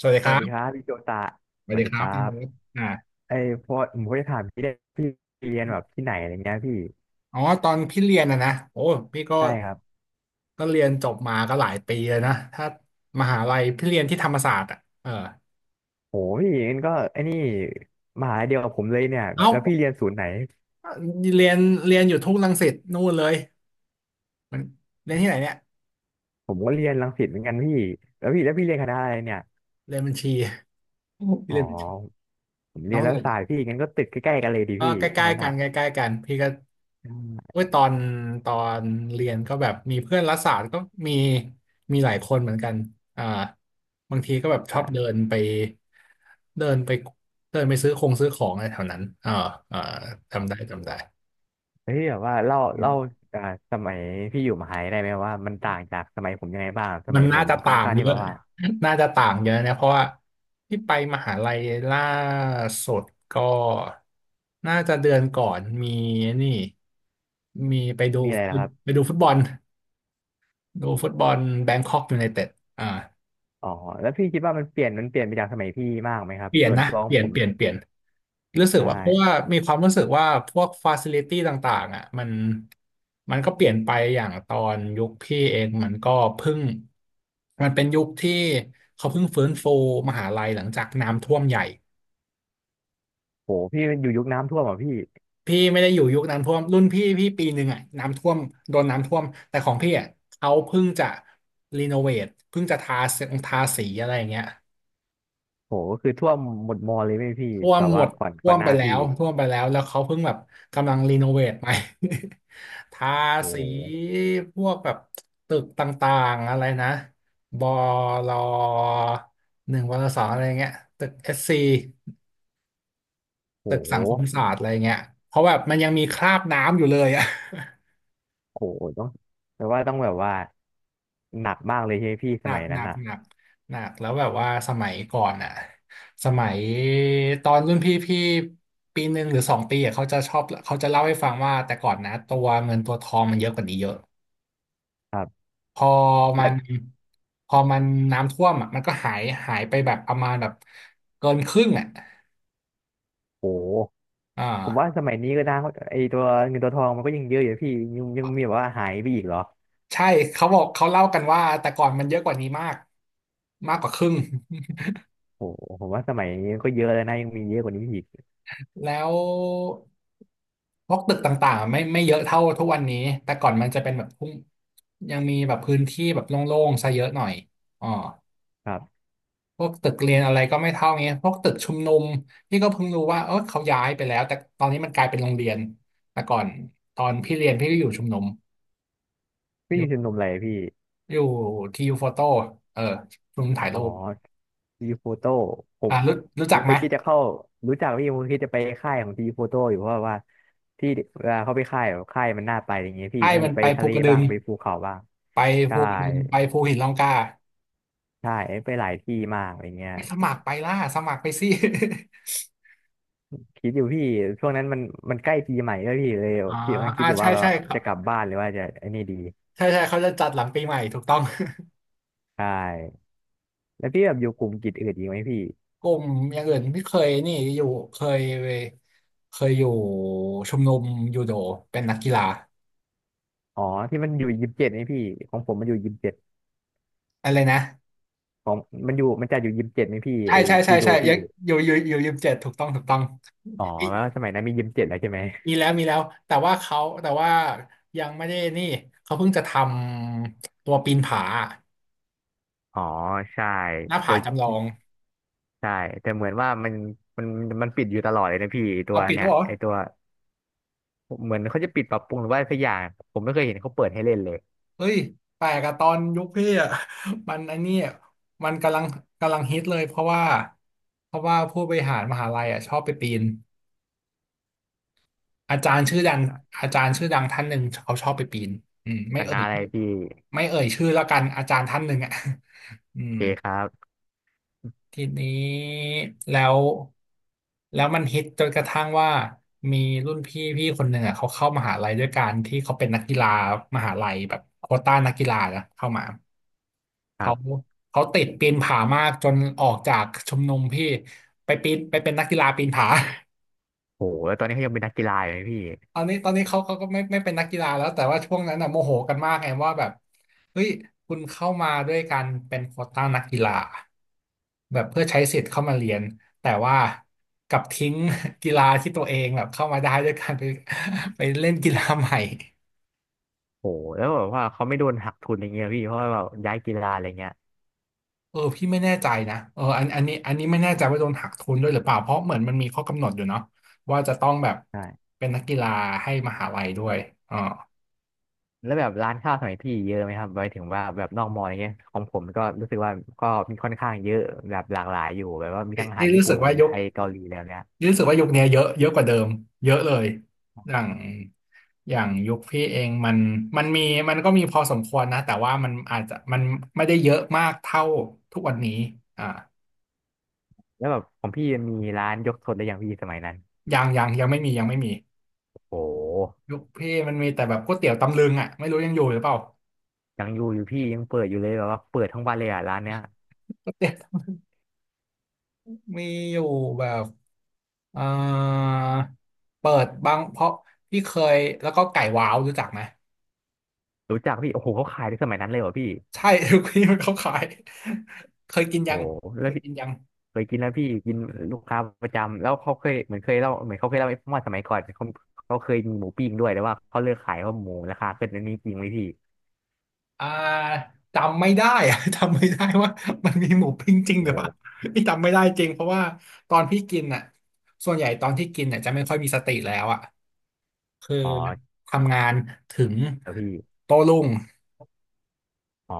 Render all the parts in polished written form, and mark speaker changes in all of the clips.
Speaker 1: สวัสดี
Speaker 2: ส
Speaker 1: ค
Speaker 2: วั
Speaker 1: รั
Speaker 2: สดีครับ
Speaker 1: บ
Speaker 2: พี่โจตะ
Speaker 1: ส
Speaker 2: ส
Speaker 1: วัส
Speaker 2: วัส
Speaker 1: ดี
Speaker 2: ดี
Speaker 1: ค
Speaker 2: ค
Speaker 1: รับ
Speaker 2: รั
Speaker 1: พี่
Speaker 2: บ
Speaker 1: เลิฟอ่า
Speaker 2: ไอ้พอผมก็จะถามพี่เนี่ยพี่เรียนแบบที่ไหนอะไรเงี้ยพี่
Speaker 1: อ๋อตอนพี่เรียนนะโอ้พี่ก็
Speaker 2: ใช่ครับ
Speaker 1: เรียนจบมาก็หลายปีเลยนะถ้ามหาลัยพี่เรียนที่ธรรมศาสตร์อ่ะเออ
Speaker 2: โหพี่งั้นก็ไอ้นี่มหาลัยเดียวกับผมเลยเนี่ย
Speaker 1: เอ้า
Speaker 2: แล้วพี่เรียนศูนย์ไหน
Speaker 1: เรียนอยู่ทุ่งรังสิตนู่นเลยมันเรียนที่ไหนเนี่ย
Speaker 2: ผมก็เรียนรังสิตเหมือนกันพี่แล้วพี่เรียนคณะอะไรเนี่ย
Speaker 1: เรียนบัญชี พี่
Speaker 2: อ๋อ
Speaker 1: เรียนบัญชี
Speaker 2: ผม
Speaker 1: น้
Speaker 2: เรี
Speaker 1: อ
Speaker 2: ย
Speaker 1: ง
Speaker 2: น
Speaker 1: เรี
Speaker 2: แล้
Speaker 1: ย
Speaker 2: ว
Speaker 1: น
Speaker 2: ศาสตร์พี่งั้นก็ติดใกล้ๆกันเลยดีพี่
Speaker 1: ก็ใก
Speaker 2: ทั้ง
Speaker 1: ล้
Speaker 2: นั้น
Speaker 1: ๆกั
Speaker 2: อ่ะ
Speaker 1: นใกล้ๆกันพี่ก็
Speaker 2: อืม
Speaker 1: เมื่อตอนตอนเรียนก็แบบมีเพื่อนรัฐศาสตร์ก็มีมีหลายคนเหมือนกันอ่าบางทีก็แบบชอบเดิ
Speaker 2: อ่ะ
Speaker 1: นไปเดินไปเดินไปซื้อคงซื้อของอะไรแถวนั้นอ่าจำได้จำได้
Speaker 2: เฮ้ยแบบว่าเล่าเล่าอ่าสมัยพี่อยู่มหาลัยได้ไหมว่ามันต่างจากสมัยผมยังไงบ้างส
Speaker 1: มั
Speaker 2: มั
Speaker 1: น
Speaker 2: ยผ
Speaker 1: น่า
Speaker 2: ม
Speaker 1: จะ
Speaker 2: มันค่อ
Speaker 1: ต่า
Speaker 2: น
Speaker 1: ง
Speaker 2: ข้าง
Speaker 1: เย
Speaker 2: ที่
Speaker 1: อะ
Speaker 2: แบบว่า
Speaker 1: น่าจะต่างเยอะนะเพราะว่าที่ไปมหาลัยล่าสุดก็น่าจะเดือนก่อนมีนี่มีไปดู
Speaker 2: มีอะไรนะครับ
Speaker 1: ไปดูฟุตบอล ดูฟุตบอลแบงคอกยูไนเต็ดอ่า
Speaker 2: อ๋อแล้วพี่คิดว่ามันเปลี่ยนไปจากสมัยพี่มากไหมครับ
Speaker 1: เปลี่ยน
Speaker 2: ส่วน
Speaker 1: นะ
Speaker 2: ตัวข
Speaker 1: เป
Speaker 2: อง
Speaker 1: ลี่ย
Speaker 2: ผ
Speaker 1: น
Speaker 2: ม
Speaker 1: รู้สึ
Speaker 2: ใช
Speaker 1: กว่าเพราะว่า
Speaker 2: ่
Speaker 1: มีความรู้สึกว่าพวกฟาซิลิตี้ต่างๆอ่ะมันก็เปลี่ยนไปอย่างตอนยุคพี่เองมันก็เพิ่งมันเป็นยุคที่เขาเพิ่งฟื้นฟูมหาลัยหลังจากน้ำท่วมใหญ่
Speaker 2: โหพี่มันอยู่ยุคน้ำท่วมอ่ะพี่
Speaker 1: พี่ไม่ได้อยู่ยุคน้ำท่วมรุ่นพี่พี่ปีหนึ่งอ่ะน้ำท่วมโดนน้ำท่วมแต่ของพี่อ่ะเขาเพิ่งจะรีโนเวทเพิ่งจะทาทาสีอะไรอย่างเงี้ย
Speaker 2: โหก็คือท่วมหมดมอเลยไหมพี่
Speaker 1: ท่ว
Speaker 2: แบ
Speaker 1: ม
Speaker 2: บ
Speaker 1: หม
Speaker 2: ว่า
Speaker 1: ด
Speaker 2: ก่อน
Speaker 1: ท่
Speaker 2: ก่อ
Speaker 1: ว
Speaker 2: น
Speaker 1: ม
Speaker 2: ห
Speaker 1: ไป
Speaker 2: น้า
Speaker 1: แล้
Speaker 2: พี่
Speaker 1: วท่วมไปแล้วแล้วเขาเพิ่งแบบกำลังรีโนเวทใหม่ ทา
Speaker 2: โ
Speaker 1: สี
Speaker 2: ห
Speaker 1: พวกแบบตึกต่างๆอะไรนะบลหนึ่งวลสองอะไรเงี้ยตึกเอสซี
Speaker 2: โ
Speaker 1: ตึกสังคม
Speaker 2: ห
Speaker 1: ศาสตร์อะไรเงี้ยเพราะแบบมันยังมีคราบน้ำอยู่เลยอะ
Speaker 2: โหต้องแปลว่าต้องแบบว่าหนักมากเลยใช่ไหมพี่
Speaker 1: ห
Speaker 2: ส
Speaker 1: นั
Speaker 2: มั
Speaker 1: ก
Speaker 2: ยนั้นอ่ะ
Speaker 1: หนักแล้วแบบว่าสมัยก่อนอ่ะสมัยตอนรุ่นพี่พี่ปีหนึ่งหรือสองปีอะเขาจะชอบเขาจะเล่าให้ฟังว่าแต่ก่อนนะตัวเงินตัวทองมันเยอะกว่านี้เยอะ
Speaker 2: ครับ
Speaker 1: พอมั
Speaker 2: แล้
Speaker 1: น
Speaker 2: ว
Speaker 1: พอมันน้ำท่วมอ่ะมันก็หายหายไปแบบประมาณแบบเกินครึ่งอ่ะ
Speaker 2: โห
Speaker 1: อ่า
Speaker 2: ผมว่าสมัยนี้ก็ได้ไอตัวเงินตัวทองมันก็ยังเยอะอยู่พี่ยังมีแบบว่าหายไปอีกเหรอ
Speaker 1: ใช่เขาบอกเขาเล่ากันว่าแต่ก่อนมันเยอะกว่านี้มากมากกว่าครึ่ง
Speaker 2: โหผมว่าสมัยนี้ก็เยอะแล้วนะยังมีเยอะกว่านี้อีก
Speaker 1: แล้ว พวกตึกต่างๆไม่เยอะเท่าทุกวันนี้แต่ก่อนมันจะเป็นแบบพุ่งยังมีแบบพื้นที่แบบโล่งๆซะเยอะหน่อยอ๋อ
Speaker 2: ครับ
Speaker 1: พวกตึกเรียนอะไรก็ไม่เท่าเงี้ยพวกตึกชุมนุมพี่ก็เพิ่งรู้ว่าเออเขาย้ายไปแล้วแต่ตอนนี้มันกลายเป็นโรงเรียนแต่ก่อนตอนพี่เรียนพี่ก็อยู่ชุมนุมอ
Speaker 2: พี่อ
Speaker 1: ยู่
Speaker 2: ยู่ชมรมอะไรพี่
Speaker 1: อยู่ทียูโฟโต้เออชุมนุมถ่าย
Speaker 2: อ๋
Speaker 1: รู
Speaker 2: อ
Speaker 1: ป
Speaker 2: ทีโฟโต้ผ
Speaker 1: อ่า
Speaker 2: ม
Speaker 1: รู้รู้
Speaker 2: ผ
Speaker 1: จัก
Speaker 2: ม
Speaker 1: ไห
Speaker 2: ไป
Speaker 1: ม
Speaker 2: คิดจะเข้ารู้จักพี่ผมคิดจะไปค่ายของทีโฟโต้อยู่เพราะว่าที่เวลาเขาไปค่ายแบบค่ายมันน่าไปอย่างเงี้ยพี่
Speaker 1: ให้
Speaker 2: มี
Speaker 1: มัน
Speaker 2: ไป
Speaker 1: ไป
Speaker 2: ทะ
Speaker 1: ภู
Speaker 2: เล
Speaker 1: กระดึ
Speaker 2: บ้า
Speaker 1: ง
Speaker 2: งไปภูเขาบ้าง
Speaker 1: ไป
Speaker 2: ใช่
Speaker 1: ภูกระดึงไปภูหินร่องกล้า
Speaker 2: ใช่ไปหลายที่มากอะไรเงี้ย
Speaker 1: ไม่สมัครไปล่ะสมัครไปสิ
Speaker 2: คิดอยู่พี่ช่วงนั้นมันใกล้ปีใหม่ด้วยพี่เลย
Speaker 1: อ๋อ
Speaker 2: คิดกำลังคิ
Speaker 1: อ่า
Speaker 2: ดอยู่
Speaker 1: ใช่
Speaker 2: ว่าแบบ
Speaker 1: ใช่ครับ
Speaker 2: จะกลับบ้านหรือว่าจะไอ้นี่ดี
Speaker 1: ใช่ใช่เขาจะจัดหลังปีใหม่ถูกต้อง
Speaker 2: ใช่แล้วพี่แบบอยู่กลุ่มกิจอื่นอีกไหมพี่
Speaker 1: กลุ่มอย่างอื่นที่เคยนี่อยู่เคยอยู่ชมรมยูโดเป็นนักกีฬา
Speaker 2: อ๋อที่มันอยู่ยิมเจ็ดไหมพี่ของผมมันอยู่ยิมเจ็ด
Speaker 1: อะไรนะ
Speaker 2: ของมันจะอยู่ยิมเจ็ดไหมพี่ไอจูโด
Speaker 1: ใช่
Speaker 2: พี่
Speaker 1: ยังอยู่ยิม 7ถูกต้องถูกต้อง
Speaker 2: อ๋อ
Speaker 1: อี
Speaker 2: แล้วสมัยนั้นมียิมเจ็ดแล้วใช่ไหม
Speaker 1: มีแล้วมีแล้วแต่ว่าเขาแต่ว่ายังไม่ได้นี่เขาเพิ่งจะทำตัวปีนผา
Speaker 2: อ๋อใช่
Speaker 1: หน้า
Speaker 2: ตั
Speaker 1: ผา
Speaker 2: ว
Speaker 1: จำลอง
Speaker 2: ใช่แต่เหมือนว่ามันมันปิดอยู่ตลอดเลยนะพี่ตั
Speaker 1: เอา
Speaker 2: ว
Speaker 1: ปิด
Speaker 2: เนี่
Speaker 1: แล้ว
Speaker 2: ย
Speaker 1: เหรอ
Speaker 2: ไอตัวเหมือนเขาจะปิดปรับปรุงหรือว่าสักอย่างผมไม่เคยเห็นเขาเปิดให้เล่นเลย
Speaker 1: เฮ้ยแปลกอะตอนยุคพี่อะ มันไอันนี้มันกำลังฮิตเลยเพราะว่าผู้บริหารมหาลัยอะชอบไปปีนอาจารย์ชื่อดังอาจารย์ชื่อดังท่านหนึ่งเขาชอบไปปีนอืม
Speaker 2: ค
Speaker 1: ไม่เอ่
Speaker 2: ณะ
Speaker 1: ย
Speaker 2: อะไร
Speaker 1: ชื่อ
Speaker 2: พี่
Speaker 1: ไม่เอ่ยชื่อแล้วกันอาจารย์ท่านหนึ่งอะ อื
Speaker 2: โอ
Speaker 1: ม
Speaker 2: เคครับ
Speaker 1: ทีนี้แล้วมันฮิตจนกระทั่งว่ามีรุ่นพี่พี่คนหนึ่งอ่ะเขาเข้ามหาลัยด้วยการที่เขาเป็นนักกีฬามหาลัยแบบโควต้านักกีฬานะเข้ามา
Speaker 2: ครั
Speaker 1: เขา
Speaker 2: บ
Speaker 1: ติดปีนผามากจนออกจากชมรมพี่ไปปีนไปเป็นนักกีฬาปีนผา
Speaker 2: โหแล้วตอนนี้เขายังเป็นนักกีฬาอยู่ไหมพี่
Speaker 1: ตอนนี้ตอนนี้เขาก็ไม่เป็นนักกีฬาแล้วแต่ว่าช่วงนั้นน่ะโมโหกันมากไงว่าแบบเฮ้ยคุณเข้ามาด้วยการเป็นโควต้านักกีฬาแบบเพื่อใช้สิทธิ์เข้ามาเรียนแต่ว่ากลับทิ้ง กีฬาที่ตัวเองแบบเข้ามาได้ด้วยการไปไปเล่นกีฬาใหม่
Speaker 2: โหแล้วแบบว่าเขาไม่โดนหักทุนอะไรเงี้ยพี่เพราะว่าแบบย้ายกีฬาอะไรเงี้ย
Speaker 1: พี่ไม่แน่ใจนะอันนี้ไม่แน่ใจว่าโดนหักทุนด้วยหรือเปล่าเพราะเหมือนมันมีข้อกำหนดอยู่เนาะว่าจะต้องแบบเป็นนักกีฬาให้มหาลัยด้วยอ๋อ
Speaker 2: แล้วแบบร้านข้าวสมัยพี่เยอะไหมครับไมถึงว่าแบบนอกมออะไรเงี้ยของผมก็รู้สึกว่าก็มีค่อนข้างเยอะแบบหลากหลายอยู่แบบว่ามี
Speaker 1: นี่
Speaker 2: ทั้งอาหา
Speaker 1: นี่
Speaker 2: รญี่
Speaker 1: รู้สึ
Speaker 2: ปุ่
Speaker 1: ก
Speaker 2: น
Speaker 1: ว่าย
Speaker 2: ไท
Speaker 1: ก
Speaker 2: ยเกาหลีแล้วเนี่ย
Speaker 1: นี่รู้สึกว่ายุคเนี้ยเยอะเยอะกว่าเดิมเยอะเลยอย่างอย่างยุคพี่เองมันมันมีมันก็มีพอสมควรนะแต่ว่ามันอาจจะไม่ได้เยอะมากเท่าทุกวันนี้อ่า
Speaker 2: แล้วแบบของพี่มีร้านยกทนได้ยังพี่สมัยนั้น
Speaker 1: ยังไม่มี
Speaker 2: โอ้
Speaker 1: ยุคพี่มันมีแต่แบบก๋วยเตี๋ยวตำลึงอ่ะไม่รู้ยังอยู่หรือเปล่า
Speaker 2: ยังอยู่อยู่พี่ยังเปิดอยู่เลยแบบว่าเปิดทั้งวันเลยอ่ะร้านเนี้ย
Speaker 1: ก๋วยเตี๋ยวมีอยู่แบบ เอ่อเปิดบางเพราะพี่เคยแล้วก็ไก่ว้าวรู้จักไหม
Speaker 2: รู้จักพี่โอ้โหเขาขายในสมัยนั้นเลยเหรอพี่
Speaker 1: ใช่ ทุกที่มันเขาขายเคยกินยั
Speaker 2: โอ้
Speaker 1: ง
Speaker 2: แล้
Speaker 1: เค
Speaker 2: ว
Speaker 1: ย
Speaker 2: พี่
Speaker 1: กินยัง
Speaker 2: เคยกินแล้วพี่กินลูกค้าประจำแล้วเขาเคยเหมือนเคยเล่าเหมือนเขาเคยเล่าให้ฟังว่าสมัยก่อนเขาเคยมีหมูปิ้งด้วยแต่ว่าเขาเลิกขายเพราะหมูราคาขึ้นอันนี้จริงไหมพี่
Speaker 1: อ่าจำไม่ได้อะ จำไม่ได้ว่ามันมีหมูปิ้งจริงหรื
Speaker 2: โอ้
Speaker 1: อเปล่า พี่จำไม่ได้จริงเพราะว่าตอนพี่กินอ่ะส่วนใหญ่ตอนที่กินเนี่ยจะไม่ค่อยมีสติแล้วอ่ะคือ
Speaker 2: อ๋อ
Speaker 1: ทำงานถึง
Speaker 2: แล้วพี่
Speaker 1: โต้รุ่ง
Speaker 2: อ๋อ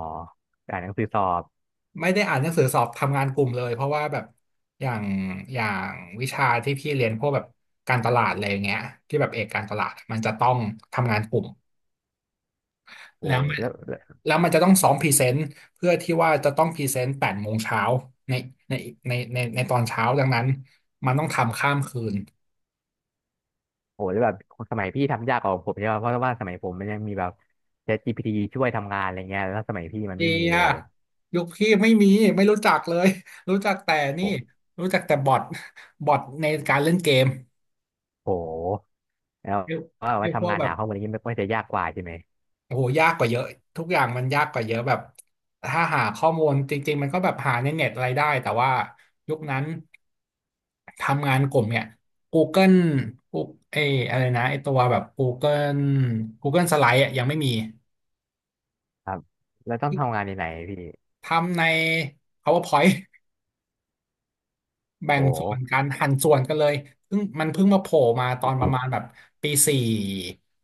Speaker 2: อ่านหนังสือสอบ
Speaker 1: ไม่ได้อ่านหนังสือสอบทำงานกลุ่มเลยเพราะว่าแบบอย่างอย่างวิชาที่พี่เรียนพวกแบบการตลาดอะไรอย่างเงี้ยที่แบบเอกการตลาดมันจะต้องทำงานกลุ่ม
Speaker 2: โอ้
Speaker 1: แล้วมัน
Speaker 2: แล้วแล้ว
Speaker 1: แล้วมันจะต้องซ้อมพรีเซนต์เพื่อที่ว่าจะต้องพรีเซนต์แปดโมงเช้าในในในตอนเช้าดังนั้นมันต้องทำข้ามคืน
Speaker 2: โอ้แล้วแบบสมัยพี่ทำยากกว่าผมใช่ป่ะเพราะว่าสมัยผมมันยังมีแบบ ChatGPT ช่วยทำงานอะไรเงี้ยแล้วสมัยพี่มัน
Speaker 1: เดี
Speaker 2: ไม่มี
Speaker 1: ย
Speaker 2: เลย
Speaker 1: ยุคพี่ไม่มีไม่รู้จักเลยรู้จักแต่นี่
Speaker 2: โอ้
Speaker 1: รู้จักแต่บอทในการเล่นเกม
Speaker 2: โหแล้วว่า
Speaker 1: ไอ้
Speaker 2: ว่า
Speaker 1: พว
Speaker 2: ทำ
Speaker 1: ก
Speaker 2: งาน
Speaker 1: แบบ
Speaker 2: หาข้อมูลอย่างนี้มันก็จะยากกว่าใช่ไหม
Speaker 1: โอ้โหยากกว่าเยอะทุกอย่างมันยากกว่าเยอะแบบถ้าหาข้อมูลจริงๆมันก็แบบหาในเน็ตอะไรได้แต่ว่ายุคนั้นทำงานกลุ่มเนี่ย Google กูเอยอะไรนะไอตัวแบบ Google Google Slide อะยังไม่มี
Speaker 2: ครับแล้วต้องทำงานในไหนพี่
Speaker 1: ทำใน PowerPoint แบ่ง
Speaker 2: โอ้โห
Speaker 1: ส่วนกันหั่นส่วนกันเลยเพิ่งมาโผล่มาตอนประมาณแบบปีสี่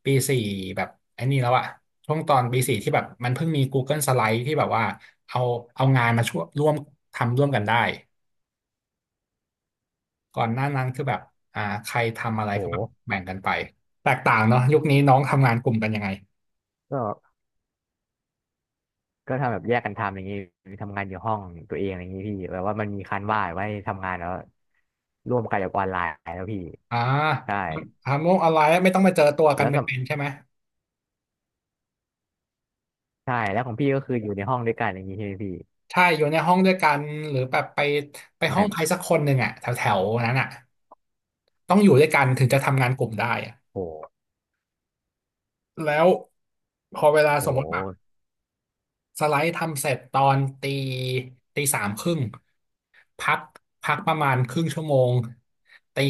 Speaker 1: ปีสี่แบบไอ้นี่แล้วอะช่วงตอนปีสี่ที่แบบมันเพิ่งมี Google Slide ที่แบบว่าเอางานมาช่วยร่วมทำร่วมกันได้ก่อนหน้านั้นคือแบบใครทำอะไร
Speaker 2: โอ้
Speaker 1: ก็แบ
Speaker 2: โห
Speaker 1: บแบ่งกันไปแตกต่างเนาะยุคนี้น้องทำงานกลุ่มกันยังไง
Speaker 2: ก็ก็ทำแบบแยกกันทำอย่างนี้ทำงานอยู่ห้องตัวเองอย่างนี้พี่แบบว่ามันมีคันว่าไว้ทำงานแล้วร่วมกันกับออนไลน์แล้วพี่
Speaker 1: อ่า
Speaker 2: ใช่
Speaker 1: ทำโลกออนไลน์ไม่ต้องมาเจอตัวกัน
Speaker 2: แล้วสม
Speaker 1: เป็นๆใช่ไหม
Speaker 2: ใช่แล้วของพี่ก็คืออยู่ในห้องด้วยกันอย่างนี้ใช่ไหมพี่
Speaker 1: ใช่อยู่ในห้องด้วยกันหรือแบบไปห้อ
Speaker 2: ไม่
Speaker 1: งใครสักคนหนึ่งอะแถวๆนั้นอะ ต้องอยู่ด้วยกันถึงจะทำงานกลุ่มได้อะ
Speaker 2: โห
Speaker 1: แล้วพอเวลา
Speaker 2: โห
Speaker 1: สมมติแบบสไลด์ทำเสร็จตอนตีสามครึ่งพักประมาณครึ่งชั่วโมงตี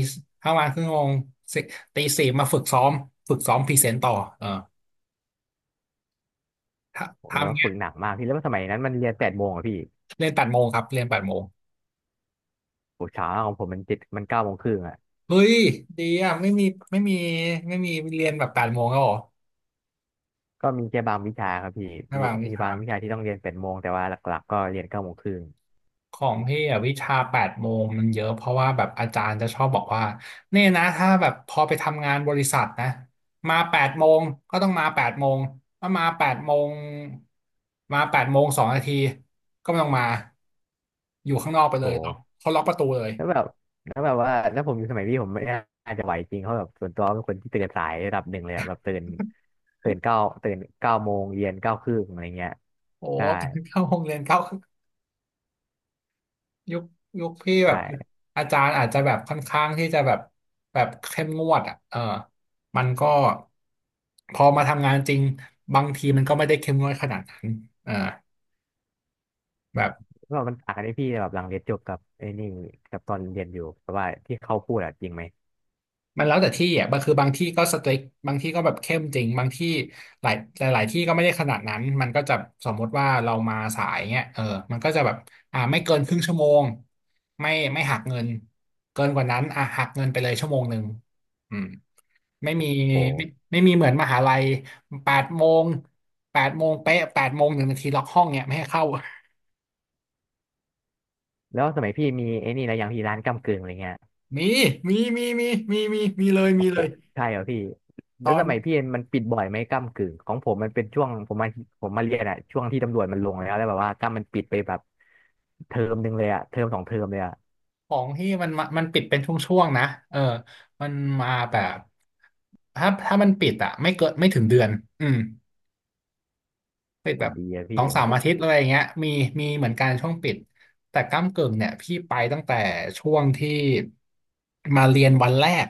Speaker 1: ประมาณครึ่งชั่วโมงสิตีสี่มาฝึกซ้อมพรีเซนต์ต่อเออถ้า
Speaker 2: ผมเนี่ย
Speaker 1: ทำ
Speaker 2: ว่า
Speaker 1: เงี้
Speaker 2: ฝึ
Speaker 1: ย
Speaker 2: กหนักมากพี่แล้วสมัยนั้นมันเรียนแปดโมงอะพี่
Speaker 1: เรียนแปดโมงครับเรียนแปดโมง
Speaker 2: โหเช้าของผมมันเจ็ดมันเก้าโมงครึ่งอะ
Speaker 1: เฮ้ยดีอ่ะไม่มีไม่มีไม่มีเรียนแบบแปดโมงแล้วเหรอ
Speaker 2: ก็มีแค่บางวิชาครับพี่
Speaker 1: ระ
Speaker 2: มี
Speaker 1: หว่างวิ
Speaker 2: มี
Speaker 1: ชา
Speaker 2: บางวิชาที่ต้องเรียนแปดโมงแต่ว่าหลักๆก็เรียนเก้าโมงครึ่ง
Speaker 1: ของพี่อะวิชาแปดโมงมันเยอะเพราะว่าแบบอาจารย์จะชอบบอกว่าเนี่ยนะถ้าแบบพอไปทำงานบริษัทนะมาแปดโมงก็ต้องมาแปดโมงถ้ามาแปดโมงแปดโมงสองนาทีก็ไม่ต้องมาอยู่ข้างนอกไปเลยล็อก
Speaker 2: โห
Speaker 1: เขาล็อกประตูเลย
Speaker 2: แล้วแบบแล้วแบบว่าแล้วผมอยู่สมัยพี่ผมไม่น่าจะไหวจริงเขาแบบส่วนตัวเป็นคนที่ตื่นสายระดับหนึ่งเลยอะแบบตื่นเก้าตื่นเก้าโมงเรียนเก้าครึ่งอะไรเงี้ย
Speaker 1: โอ้
Speaker 2: ใช่
Speaker 1: ตอน เข้าโรงเรียนเข้า ยุคยุคพี่แบบ
Speaker 2: ใช่
Speaker 1: อาจารย์อาจจะแบบค่อนข้างที่จะแบบเข้มงวดอ่ะเออมันก็พอมาทำงานจริงบางทีมันก็ไม่ได้เข้มงวดขนาดนั้นเออแบบ
Speaker 2: ก็มันต่างกันที่พี่แบบหลังเรียนจบกับไอ้นี่กับตอนเรียนอยู่แต่ว่าที่เขาพูดอะจริงไหม
Speaker 1: มันแล้วแต่ที่อ่ะบางบางที่ก็สตริกบางที่ก็แบบเข้มจริง บางที่หลายที่ก็ไม่ได้ขนาดนั้น มันก็จะสมมติว่าเรามาสายเงี้ยเออมันก็จะแบบอ่าไม่เกินครึ่งชั่วโมงไม่หักเงินเกินกว่านั้นอ่ะหักเงินไปเลยชั่วโมงหนึ่งอืมไม่มี
Speaker 2: โอ้
Speaker 1: ไม่ไม่มีเหมือนมหาลัยแปดโมงแปดโมงเป๊ะแปดโมงหนึ่งนาทีล็อกห้องเนี่ยไม่ให้เข้า
Speaker 2: แล้วสมัยพี่มีไอ้นี่แลรวยางพี่ร้านก้ำกึ่งอะไรเงี้ย
Speaker 1: มีมีเลย
Speaker 2: โอ้โหใช่เหรอพี่
Speaker 1: ตอ
Speaker 2: แล้วส
Speaker 1: น
Speaker 2: มัยพี่มันปิดบ่อยไหมก้ำกึ่งของผมมันเป็นช่วงผมมาผมเรียนอะช่วงที่ตำรวจมันลงแล้วแบบว่าก้ำมันปิดไปแบบเทอมหนึ่งเลยอะเทอมสองเทอมเลยอะ
Speaker 1: ของที่มันมามันปิดเป็นช่วงๆนะเออมันมาแบบถ้ามันปิดอะไม่เกินไม่ถึงเดือนอืมปิด
Speaker 2: ผ
Speaker 1: แบ
Speaker 2: ม
Speaker 1: บ
Speaker 2: ดีอะ
Speaker 1: ส
Speaker 2: พี่
Speaker 1: อง
Speaker 2: ข
Speaker 1: สา
Speaker 2: อง
Speaker 1: ม
Speaker 2: ผ
Speaker 1: อา
Speaker 2: ม
Speaker 1: ทิตย์อะไรอย่างเงี้ยมีเหมือนกันช่วงปิดแต่ก้ำกึ่งเนี่ยพี่ไปตั้งแต่ช่วงที่มาเรียนวันแรก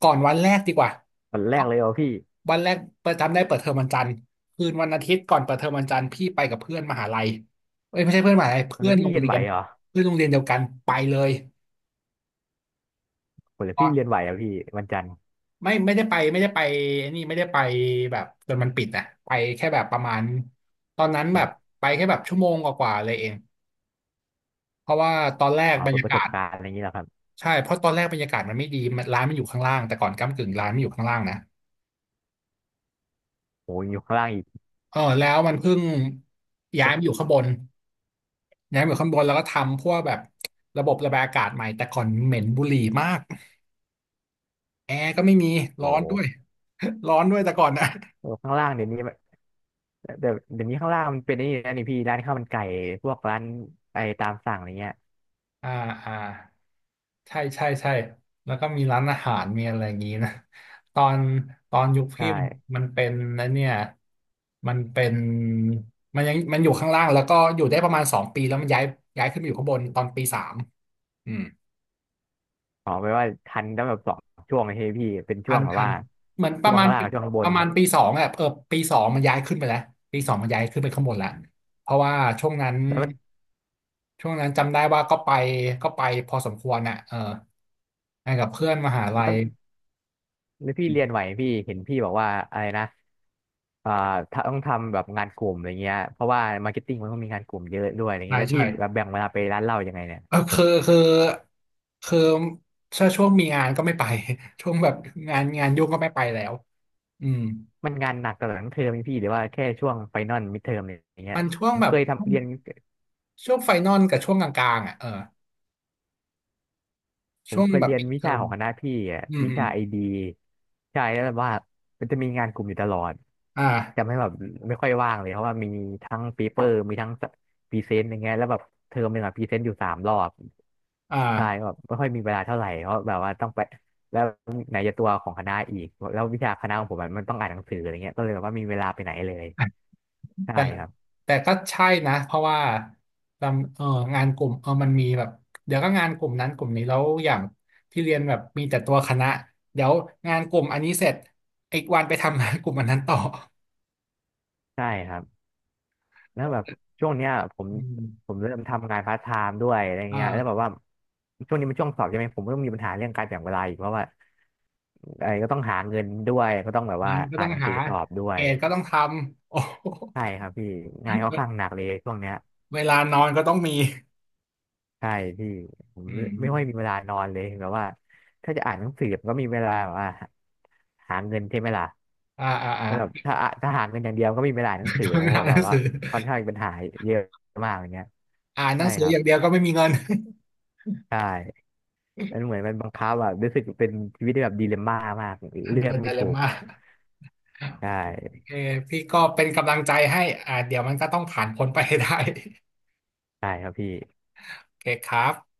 Speaker 1: ก่อนวันแรกดีกว่า
Speaker 2: วัน
Speaker 1: ค
Speaker 2: แร
Speaker 1: รั
Speaker 2: ก
Speaker 1: บ
Speaker 2: เลยเหรอพี่
Speaker 1: วันแรกเปิดจำได้เปิดเทอมวันจันทร์คืนวันอาทิตย์ก่อนเปิดเทอมวันจันทร์พี่ไปกับเพื่อนมหาลัยเอ้ยไม่ใช่เพื่อนมหาลัยเพื่
Speaker 2: แล้
Speaker 1: อ
Speaker 2: ว
Speaker 1: น
Speaker 2: พี่
Speaker 1: โรง
Speaker 2: เรียน
Speaker 1: เรี
Speaker 2: ไหว
Speaker 1: ยน
Speaker 2: เหรอ
Speaker 1: เพื่อนโรงเรียนเดียวกันไปเลย
Speaker 2: ผมเลยพี่เรียนไหวอะพี่วันจันทร์
Speaker 1: ไม่ได้ไปไม่ได้ไปไอ้นี่ไม่ได้ไปแบบจนมันปิดอ่ะไปแค่แบบประมาณตอนนั้น
Speaker 2: ค
Speaker 1: แบ
Speaker 2: รั
Speaker 1: บ
Speaker 2: บ
Speaker 1: ไปแค่แบบชั่วโมงกว่าๆเลยเองเพราะว่าตอนแรก
Speaker 2: อ๋อ
Speaker 1: บร
Speaker 2: เป็
Speaker 1: ร
Speaker 2: น
Speaker 1: ยา
Speaker 2: ประ
Speaker 1: กา
Speaker 2: สบ
Speaker 1: ศ
Speaker 2: การณ์อะไรอย่างนี้แหละครับ
Speaker 1: ใช่เพราะตอนแรกบรรยากาศมันไม่ดีร้านมันอยู่ข้างล่างแต่ก่อนก้ำกึ่งร้านมันอยู่ข้างล่างนะ
Speaker 2: โอ้ยอยู่ข้างล่างอีก
Speaker 1: เออแล้วมันเพิ่งย้ายมาอยู่ข้างบนย้ายมาอยู่ข้างบนแล้วก็ทำพวกแบบระบบระบายอากาศใหม่แต่ก่อนเหม็นบุหรี่มากแอร์ก็ไม่มีร้อ
Speaker 2: โอ้
Speaker 1: น
Speaker 2: โห
Speaker 1: ด้วย ร้อนด้วยแต่ก่อนนะ
Speaker 2: เออข้างล่างเดี๋ยวนี้มันเดี๋ยวนี้ข้างล่างมันเป็นไอ้นี่นะนี่พี่ร้านข้าวมันไก่พวกร้านไอตามสั่งอะไรเงี้ย
Speaker 1: อ่าอ่า ใช่ใช่ใช่แล้วก็มีร้านอาหารมีอะไรอย่างนี้นะ ตอนยุค
Speaker 2: ใช่
Speaker 1: พี่มันเป็นนะเนี่ยมันเป็นมันยังมันอยู่ข้างล่างแล้วก็อยู่ได้ประมาณสองปีแล้วมันย้ายขึ้นมาอยู่ข้างบนตอนปีสามอืม
Speaker 2: ขอไปว่าทันตั้งแบบสองช่วงเลยพี่เป็นช่วงแบบ
Speaker 1: ทัน
Speaker 2: ว่า
Speaker 1: เหมือนป
Speaker 2: ช่
Speaker 1: ระ
Speaker 2: วง
Speaker 1: มาณ
Speaker 2: ข้างล่างกับช่วงข้างบน
Speaker 1: ปีสองอะเออปีสองมันย้ายขึ้นไปแล้วปีสองมันย้ายขึ้นไปข้างบนแล้วเพราะว่าช่วงนั้น
Speaker 2: แล้วมัน
Speaker 1: จำได้ว่าก็ไปก็ไปพอสมควรน่ะเออไปกับเพื่อนมหาลั
Speaker 2: แล้
Speaker 1: ย
Speaker 2: วแล้วพี่เรียนไหวไหมพี่เห็นพี่บอกว่าอะไรนะอ่าถ้าต้องทำแบบงานกลุ่มอะไรเงี้ยเพราะว่ามาร์เก็ตติ้งมันต้องมีงานกลุ่มเยอะด้วยอะไร
Speaker 1: ใช่
Speaker 2: เงี้ยแล้วพี่
Speaker 1: ใช่
Speaker 2: แบบแบ่งเวลาไปร้านเหล้ายังไงเนี่ย
Speaker 1: เออคือถ้าช่วงมีงานก็ไม่ไป ช่วงแบบงานยุ่งก็ไม่ไปแล้วอืม
Speaker 2: มันงานหนักตลอดทั้งเทอมไหมพี่หรือว่าแค่ช่วงไฟนอลมิดเทอมอะไรอย่างเงี้
Speaker 1: มั
Speaker 2: ย
Speaker 1: นช่วง
Speaker 2: ผม
Speaker 1: แบ
Speaker 2: เค
Speaker 1: บ
Speaker 2: ยทำเรียน
Speaker 1: ช่วงไฟนอลกับช่วงกลางๆอ่ะเออ
Speaker 2: ผ
Speaker 1: ช่
Speaker 2: ม
Speaker 1: วง
Speaker 2: เคย
Speaker 1: แบบ
Speaker 2: เรียน
Speaker 1: ปิด
Speaker 2: วิ
Speaker 1: เทอ
Speaker 2: ชา
Speaker 1: ม
Speaker 2: ของคณะพี่อ่ะ
Speaker 1: อืม
Speaker 2: วิ
Speaker 1: อืม
Speaker 2: ชาไอดีใช่แล้วแบบว่ามันจะมีงานกลุ่มอยู่ตลอด
Speaker 1: อ
Speaker 2: จำ
Speaker 1: ่า
Speaker 2: ให้แบบไม่ค่อยว่างเลยเพราะว่ามีทั้งเปีเปอร์มีทั้งพรีเซนต์อย่างเงี้ยแล้วแบบเทอมหนึ่งอะพรีเซนต์อยู่สามรอบ
Speaker 1: อ่า
Speaker 2: ใช่แบบไม่ค่อยมีเวลาเท่าไหร่เพราะแบบว่าต้องไปแล้วไหนจะตัวของคณะอีกแล้ววิชาคณะของผมอะมันต้องอ่านหนังสืออะไรเงี้ยก็เลยแบบว่ามีเวลาไปไหนเลย ใช่
Speaker 1: แต่
Speaker 2: ครับ
Speaker 1: ก็ใช่นะเพราะว่าเอองานกลุ่มเออมันมีแบบเดี๋ยวก็งานกลุ่มนั้นกลุ่มนี้แล้วอย่างที่เรียนแบบมีแต่ตัวคณะเดี๋ยวงานกลุ่มอันนี้เสร็จอีกวันไปทำงานกลุ่มอันนั้นต่อ
Speaker 2: ใช่ครับ แล้วแบบช่วงเนี้ยผม
Speaker 1: อืม
Speaker 2: เริ่มทำงานพาร์ทไทม์ด้วยอะไรเงี้ยแล้วแบ
Speaker 1: อ่า
Speaker 2: บว่าช่วงนี้มันช่วงสอบใช่ไหมผมก็ต้องมีปัญหาเรื่องการแบ่งเวลาอีกเพราะว่าไอ้ก็ต้องหาเงินด้วยก็ต้องแบบว่า
Speaker 1: งานก็
Speaker 2: อ่า
Speaker 1: ต้
Speaker 2: น
Speaker 1: อง
Speaker 2: หนัง
Speaker 1: หา
Speaker 2: สือสอบด้ว
Speaker 1: เก
Speaker 2: ย
Speaker 1: รดก็ต้องทำ โอ้โห
Speaker 2: ใช่ครับพี่งานค่อนข้าง
Speaker 1: เว
Speaker 2: หนักเลยช่วงเนี้ย
Speaker 1: ลานอนก็ต้องมี
Speaker 2: ใช่พี่ผม
Speaker 1: อื
Speaker 2: ไม่ค่อยมี
Speaker 1: ม
Speaker 2: เวลานอนเลยแบบว่าถ้าจะอ่านหนังสือมันก็มีเวลาแบบว่าหาเงินใช่ไหมล่ะ
Speaker 1: อ่า
Speaker 2: แต่แบบถ้าหาเงินอย่างเดียวก็ไมมีเวลาอ่านหนังสือ
Speaker 1: ก็อ
Speaker 2: เพราะ
Speaker 1: ่าน
Speaker 2: ว่า
Speaker 1: ห
Speaker 2: แบ
Speaker 1: นั
Speaker 2: บ
Speaker 1: ง
Speaker 2: ว่า
Speaker 1: สือ
Speaker 2: ค่อนข้างมีปัญหาเยอะมากอย่างเงี้ย
Speaker 1: อ่านหนั
Speaker 2: ใช่
Speaker 1: งสือ
Speaker 2: ครั
Speaker 1: อ
Speaker 2: บ
Speaker 1: ย่างเดียวก็ไม่มีเงิน
Speaker 2: ใช่มันเหมือนมันบังคับแบบรู้สึกเป็นชีวิตที่แบบดีเลมม่ามาก
Speaker 1: อัน
Speaker 2: เลือ
Speaker 1: เป็
Speaker 2: ก
Speaker 1: นได
Speaker 2: ไม่
Speaker 1: เล
Speaker 2: ถู
Speaker 1: ม
Speaker 2: ก
Speaker 1: ม่า
Speaker 2: ใช
Speaker 1: โอ
Speaker 2: ่
Speaker 1: เคพี่ก็เป็นกำลังใจให้อ่าเดี๋ยวมันก็ต้องผ่านพ้นไปให้ได้
Speaker 2: ใช่ครับพี่
Speaker 1: โอเคครับ